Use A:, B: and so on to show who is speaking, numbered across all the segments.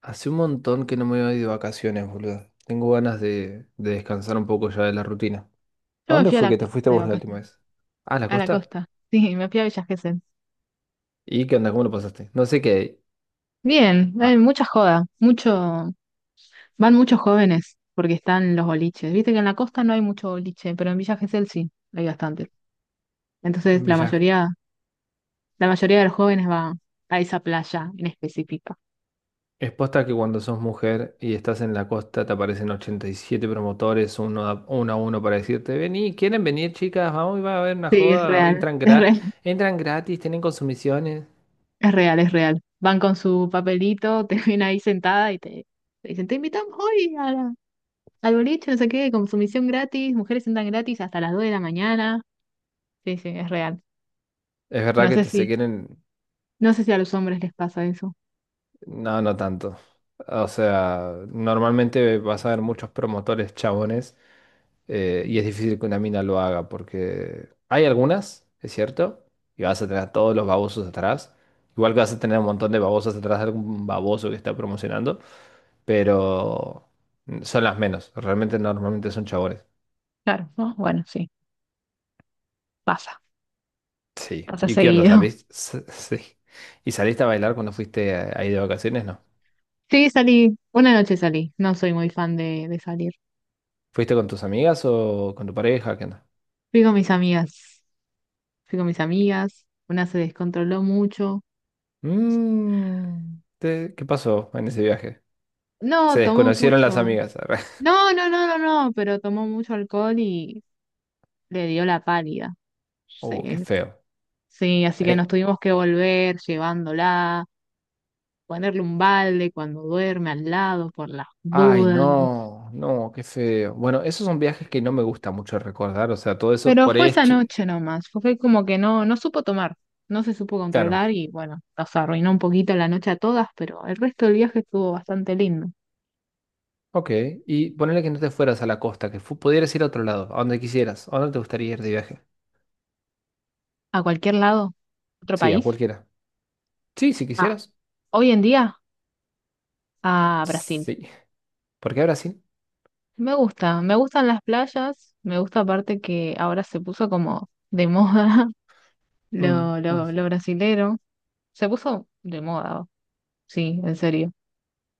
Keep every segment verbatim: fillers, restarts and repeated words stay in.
A: Hace un montón que no me voy de vacaciones, boludo. Tengo ganas de, de descansar un poco ya de la rutina. ¿A
B: Yo me
A: dónde
B: fui a
A: fue
B: la
A: que te
B: costa
A: fuiste
B: de
A: vos la última
B: vacaciones.
A: vez? Ah, ¿a la
B: A la
A: costa?
B: costa. Sí, me fui a Villa Gesell.
A: ¿Y qué onda? ¿Cómo lo pasaste? No sé qué hay.
B: Bien, hay
A: Ah,
B: mucha joda. Mucho, van muchos jóvenes porque están los boliches. Viste que en la costa no hay mucho boliche, pero en Villa Gesell sí, hay bastante. Entonces
A: en
B: la
A: Villaj.
B: mayoría, la mayoría de los jóvenes va a esa playa en específica.
A: Es posta que cuando sos mujer y estás en la costa te aparecen ochenta y siete promotores, uno a uno, a uno para decirte, vení, ¿quieren venir chicas? Vamos, va a haber una
B: Sí, es
A: joda,
B: real,
A: entran,
B: es
A: gra-
B: real,
A: entran gratis, tienen consumiciones.
B: es real, es real. Van con su papelito, te ven ahí sentada y te, te dicen, te invitamos hoy a la- al boliche, no sé qué, consumición gratis, mujeres sentan gratis hasta las dos de la mañana. Sí, sí, es real.
A: Es verdad
B: No
A: que
B: sé
A: te,
B: si,
A: se quieren.
B: no sé si a los hombres les pasa eso.
A: No, no tanto. O sea, normalmente vas a ver muchos promotores chabones, eh, y es difícil que una mina lo haga porque hay algunas, es cierto, y vas a tener a todos los babosos atrás. Igual que vas a tener un montón de babosas atrás de algún baboso que está promocionando, pero son las menos. Realmente normalmente son chabones.
B: Claro, ¿no? Bueno, sí, pasa,
A: Sí.
B: pasa
A: ¿Y qué onda?
B: seguido.
A: ¿Salís? S- Sí. ¿Y saliste a bailar cuando fuiste ahí de vacaciones? No.
B: Sí, salí, una noche salí, no soy muy fan de, de salir.
A: ¿Fuiste con tus amigas o con tu pareja? ¿Qué onda?
B: Fui con mis amigas, Fui con mis amigas, una se descontroló mucho.
A: Mm, te- ¿qué pasó en ese viaje? Se
B: No, tomó
A: desconocieron las
B: mucho.
A: amigas. Arre.
B: No, no, no, no, no, pero tomó mucho alcohol y le dio la pálida.
A: Uh, qué
B: Sí,
A: feo.
B: sí, así que nos
A: Eh,
B: tuvimos que volver llevándola, ponerle un balde cuando duerme al lado por las
A: ay,
B: dudas.
A: no, no, qué feo. Bueno, esos son viajes que no me gusta mucho recordar. O sea, todo eso
B: Pero
A: por
B: fue
A: ahí es
B: esa
A: chi-
B: noche nomás, fue como que no, no supo tomar, no se supo
A: Claro.
B: controlar y bueno, nos arruinó un poquito la noche a todas, pero el resto del viaje estuvo bastante lindo.
A: Ok. Y ponerle que no te fueras a la costa, que fu- pudieras ir a otro lado, a donde quisieras. ¿A dónde te gustaría ir de viaje?
B: A cualquier lado, otro
A: Sí, a
B: país.
A: cualquiera. Sí, si
B: Ah,
A: quisieras.
B: hoy en día, a Brasil.
A: Sí. ¿Por qué a Brasil?
B: Me gusta, me gustan las playas, me gusta aparte que ahora se puso como de moda
A: Mm,
B: lo,
A: mm.
B: lo, lo brasilero. Se puso de moda, sí, en serio.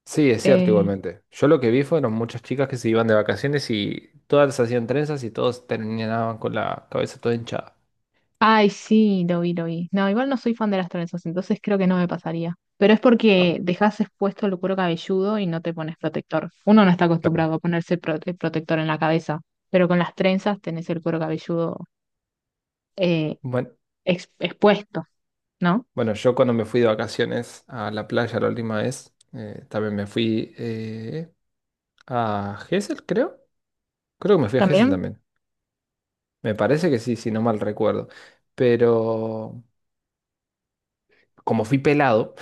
A: Sí, es cierto
B: Eh,
A: igualmente. Yo lo que vi fueron muchas chicas que se iban de vacaciones y todas hacían trenzas y todos terminaban con la cabeza toda hinchada.
B: Ay, sí, lo vi, lo vi. No, igual no soy fan de las trenzas, entonces creo que no me pasaría. Pero es porque
A: ¿No?
B: dejas expuesto el cuero cabelludo y no te pones protector. Uno no está
A: Claro.
B: acostumbrado a ponerse prote- protector en la cabeza, pero con las trenzas tenés el cuero cabelludo eh,
A: Bueno,
B: ex- expuesto, ¿no?
A: bueno, yo cuando me fui de vacaciones a la playa la última vez, eh, también me fui eh, a Gesell, creo. Creo que me fui a Gesell
B: ¿También?
A: también. Me parece que sí, si no mal recuerdo. Pero como fui pelado,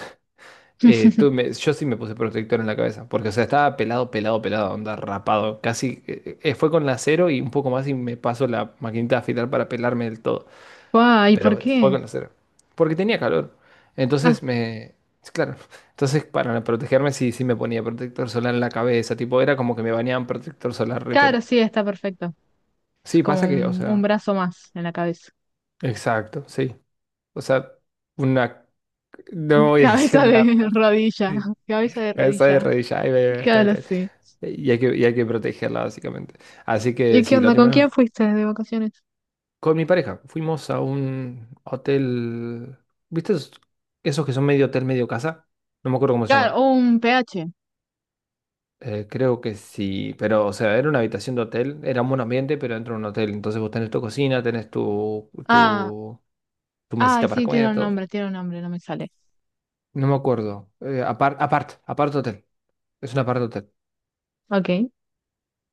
A: Eh, tú me- yo sí me puse protector en la cabeza, porque o sea, estaba pelado, pelado, pelado, onda rapado. Casi eh, eh, fue con la cero y un poco más y me paso la maquinita de afilar para pelarme del todo.
B: Ay, ¿por
A: Pero fue
B: qué?
A: con la cero, porque tenía calor.
B: Ah,
A: Entonces me... Claro, entonces para protegerme sí, sí me ponía protector solar en la cabeza, tipo era como que me bañaban protector solar
B: claro,
A: repela.
B: sí, está perfecto. Es
A: Sí,
B: como
A: pasa que, o
B: un, un
A: sea,
B: brazo más en la cabeza.
A: exacto, sí. O sea, una... No voy a decir
B: Cabeza
A: nada,
B: de
A: pero
B: rodilla,
A: sí.
B: cabeza de
A: Cabeza de
B: rodilla.
A: rodilla, ahí, ahí, ahí, está,
B: Claro,
A: está.
B: sí.
A: Y hay que, y hay que protegerla, básicamente. Así que
B: ¿Y qué
A: sí, la
B: onda? ¿Con
A: última vez
B: quién fuiste de vacaciones?
A: con mi pareja fuimos a un hotel. ¿Viste esos, esos que son medio hotel, medio casa? No me acuerdo cómo se llaman.
B: Claro, un pH.
A: Eh, creo que sí, pero o sea, era una habitación de hotel, era un buen ambiente, pero dentro de un hotel. Entonces vos tenés tu cocina, tenés tu,
B: Ah,
A: tu, tu
B: ah,
A: mesita para
B: sí, tiene
A: comer,
B: un
A: todo.
B: nombre, tiene un nombre, no me sale.
A: No me acuerdo. Eh, apart, apart, apart hotel. Es un apart hotel.
B: Ok.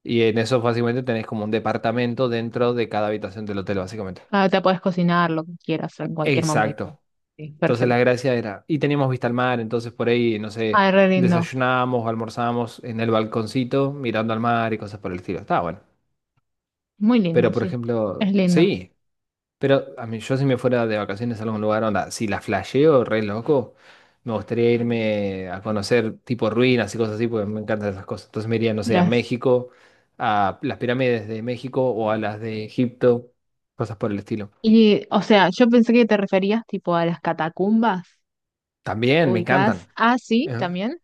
A: Y en eso básicamente tenés como un departamento dentro de cada habitación del hotel, básicamente.
B: Ah, te puedes cocinar lo que quieras en cualquier momento.
A: Exacto.
B: Sí.
A: Entonces la
B: Perfecto.
A: gracia era, y teníamos vista al mar, entonces por ahí, no sé,
B: Ah, re lindo.
A: desayunábamos o almorzábamos en el balconcito mirando al mar y cosas por el estilo. Estaba bueno.
B: Muy lindo,
A: Pero por
B: sí. Es
A: ejemplo,
B: lindo.
A: sí, pero a mí yo si me fuera de vacaciones a algún lugar, onda, si la flasheo, re loco, me gustaría irme a conocer tipo ruinas y cosas así, porque me encantan esas cosas. Entonces me iría, no sé, a
B: Las...
A: México, a las pirámides de México o a las de Egipto, cosas por el estilo.
B: Y, o sea, yo pensé que te referías tipo a las catacumbas
A: También me
B: ubicadas.
A: encantan.
B: Ah, sí,
A: Eh,
B: también.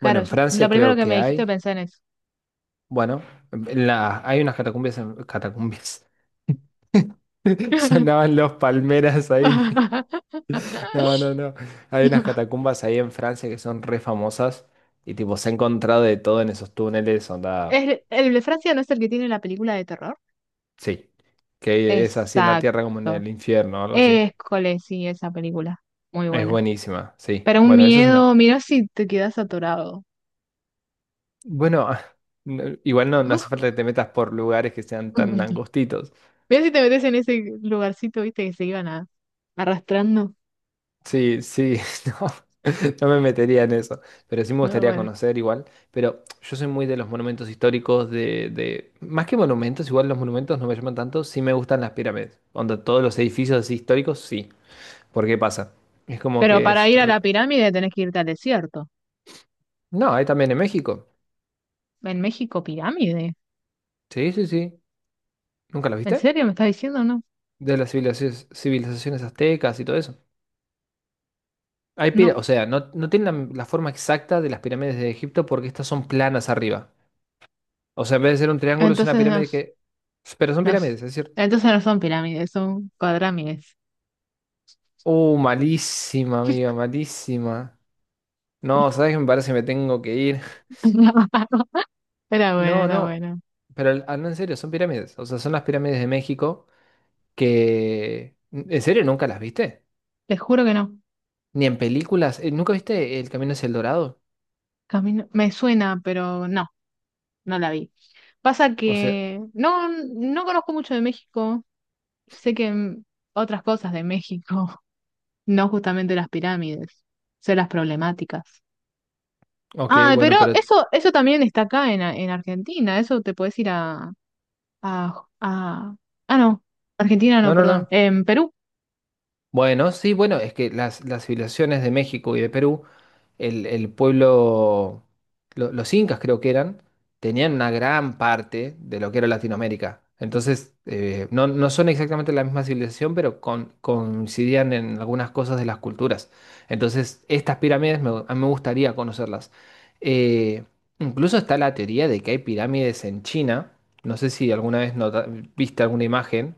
A: Bueno, en
B: yo- lo
A: Francia
B: primero
A: creo
B: que me
A: que
B: dijiste
A: hay.
B: pensé en eso.
A: Bueno, en la- hay unas catacumbas, en- catacumbias. Sonaban los palmeras ahí. No, no, no. Hay unas catacumbas ahí en Francia que son re famosas y tipo se ha encontrado de todo en esos túneles, onda,
B: ¿El, el de Francia no es el que tiene la película de terror?
A: sí, que es así en la tierra como en
B: Exacto.
A: el infierno, o algo así.
B: École, sí, esa película. Muy
A: Es
B: buena.
A: buenísima, sí.
B: Pero un
A: Bueno, esa es
B: miedo,
A: una...
B: mira si te quedas atorado.
A: Bueno, no- igual no, no hace falta que te metas por lugares que sean tan angostitos.
B: Mira si te metes en ese lugarcito, viste, que se iban a, arrastrando.
A: Sí, sí, no, no me metería en eso, pero sí me
B: No,
A: gustaría
B: bueno.
A: conocer igual. Pero yo soy muy de los monumentos históricos, de, de- más que monumentos, igual los monumentos no me llaman tanto, sí me gustan las pirámides, donde todos los edificios así históricos, sí. ¿Por qué pasa? Es como
B: Pero
A: que
B: para
A: es...
B: ir a
A: re-
B: la pirámide tenés que irte al desierto.
A: No, hay también en México.
B: En México, pirámide.
A: Sí, sí, sí. ¿Nunca las
B: ¿En
A: viste?
B: serio me estás diciendo? No.
A: De las civilizaciones, civilizaciones aztecas y todo eso. Hay
B: No.
A: pira- o sea, no, no tienen la, la forma exacta de las pirámides de Egipto porque estas son planas arriba. O sea, en vez de ser un triángulo, es una
B: Entonces
A: pirámide
B: nos,
A: que... Pero son pirámides,
B: nos,
A: es decir.
B: entonces no son pirámides, son cuadrámides.
A: Uh, malísima, amiga, malísima. No, ¿sabes qué? Me parece que me tengo que ir.
B: Era bueno,
A: No,
B: era
A: no.
B: bueno.
A: Pero al- al- no, en serio, son pirámides. O sea, son las pirámides de México que... ¿En serio nunca las viste?
B: Te juro que no.
A: Ni en películas. Eh, ¿Nunca viste El Camino hacia el Dorado?
B: Camino, me suena, pero no. No la vi. Pasa
A: O sea,
B: que no, no conozco mucho de México. Sé que mm, otras cosas de México, no justamente las pirámides, sé las problemáticas.
A: ok,
B: Ah, pero
A: bueno, pero...
B: eso, eso también está acá en, A- en Argentina. Eso te puedes ir a, a, a- Ah, no. Argentina
A: No,
B: no,
A: no, no.
B: perdón. En Perú,
A: Bueno, sí, bueno, es que las, las civilizaciones de México y de Perú, el, el pueblo, lo- los incas creo que eran, tenían una gran parte de lo que era Latinoamérica. Entonces, eh, no, no son exactamente la misma civilización, pero con- coincidían en algunas cosas de las culturas. Entonces, estas pirámides me, a mí me gustaría conocerlas. Eh, incluso está la teoría de que hay pirámides en China. No sé si alguna vez nota- viste alguna imagen,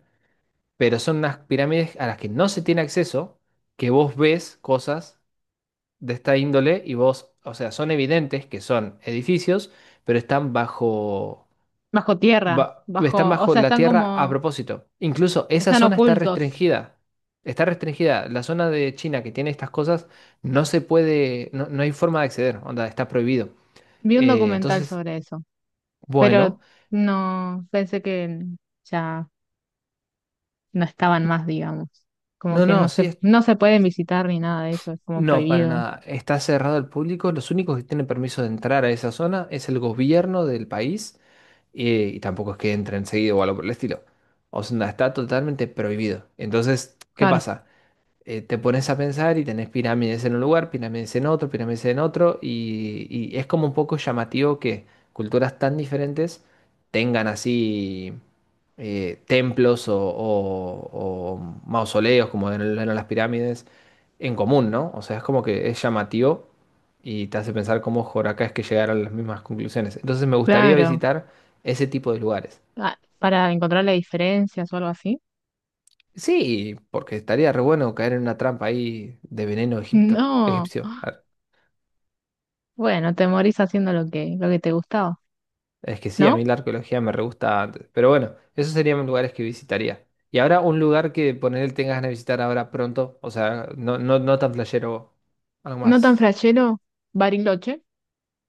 A: pero son unas pirámides a las que no se tiene acceso, que vos ves cosas de esta índole y vos, o sea, son evidentes que son edificios, pero están bajo,
B: bajo tierra,
A: ba- están
B: bajo. O
A: bajo
B: sea,
A: la
B: están
A: tierra a
B: como.
A: propósito. Incluso esa
B: Están
A: zona está
B: ocultos.
A: restringida. Está restringida. La zona de China que tiene estas cosas no se puede, no, no hay forma de acceder, onda, está prohibido.
B: Vi un
A: Eh,
B: documental
A: entonces,
B: sobre eso, pero
A: bueno,
B: no pensé que ya no estaban más, digamos. Como
A: no,
B: que no
A: no,
B: se,
A: sí,
B: no se pueden visitar ni nada de eso, es como
A: no, para
B: prohibido.
A: nada. Está cerrado al público. Los únicos que tienen permiso de entrar a esa zona es el gobierno del país, eh, y, tampoco es que entren seguido o algo por el estilo. O sea, está totalmente prohibido. Entonces, ¿qué
B: Claro,
A: pasa? eh, te pones a pensar y tenés pirámides en un lugar, pirámides en otro, pirámides en otro, y, y es como un poco llamativo que culturas tan diferentes tengan así, eh, templos o, o- o mausoleos, como eran eran las pirámides, en común, ¿no? O sea, es como que es llamativo y te hace pensar cómo acá es que llegaron a las mismas conclusiones. Entonces me gustaría
B: claro.
A: visitar ese tipo de lugares.
B: Ah, para encontrar las diferencias o algo así.
A: Sí, porque estaría re bueno caer en una trampa ahí de veneno egipto,
B: No.
A: egipcio.
B: Bueno, te morís haciendo lo que, lo que te gustaba,
A: Es que sí, a mí
B: ¿no?
A: la arqueología me re gusta. Pero bueno, esos serían lugares que visitaría. Y ahora un lugar que ponerle tengas ganas de visitar ahora pronto. O sea, no, no, no tan playero, algo
B: No tan
A: más.
B: flashero, Bariloche,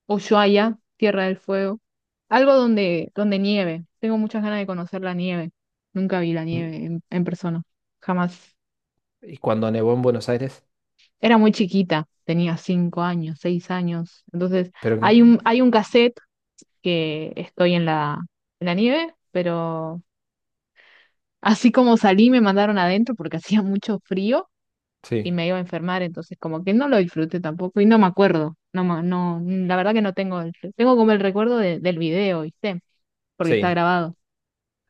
B: Ushuaia, Tierra del Fuego. Algo donde, donde nieve. Tengo muchas ganas de conocer la nieve. Nunca vi la
A: Mm,
B: nieve en, en persona. Jamás.
A: y cuando nevó en Buenos Aires.
B: Era muy chiquita, tenía cinco años, seis años. Entonces,
A: Pero que.
B: hay un, hay un cassette que estoy en la, en la nieve, pero así como salí me mandaron adentro porque hacía mucho frío y
A: Sí,
B: me iba a enfermar, entonces como que no lo disfruté tampoco y no me acuerdo, no, ma- no, la verdad que no tengo, el- tengo como el recuerdo de- del video, ¿viste? Porque está
A: sí.
B: grabado,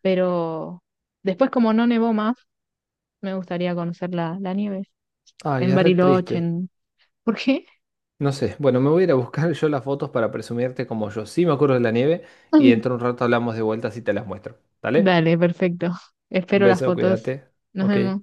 B: pero después como no nevó más, me gustaría conocer la, la nieve
A: Ay,
B: en
A: es re triste.
B: Bariloche, en... ¿Por qué?
A: No sé. Bueno, me voy a ir a buscar yo las fotos para presumirte como yo sí me acuerdo de la nieve. Y dentro de un rato hablamos de vueltas y te las muestro. ¿Dale?
B: Dale, perfecto.
A: Un
B: Espero las
A: beso,
B: fotos.
A: cuídate.
B: Nos
A: Ok.
B: vemos.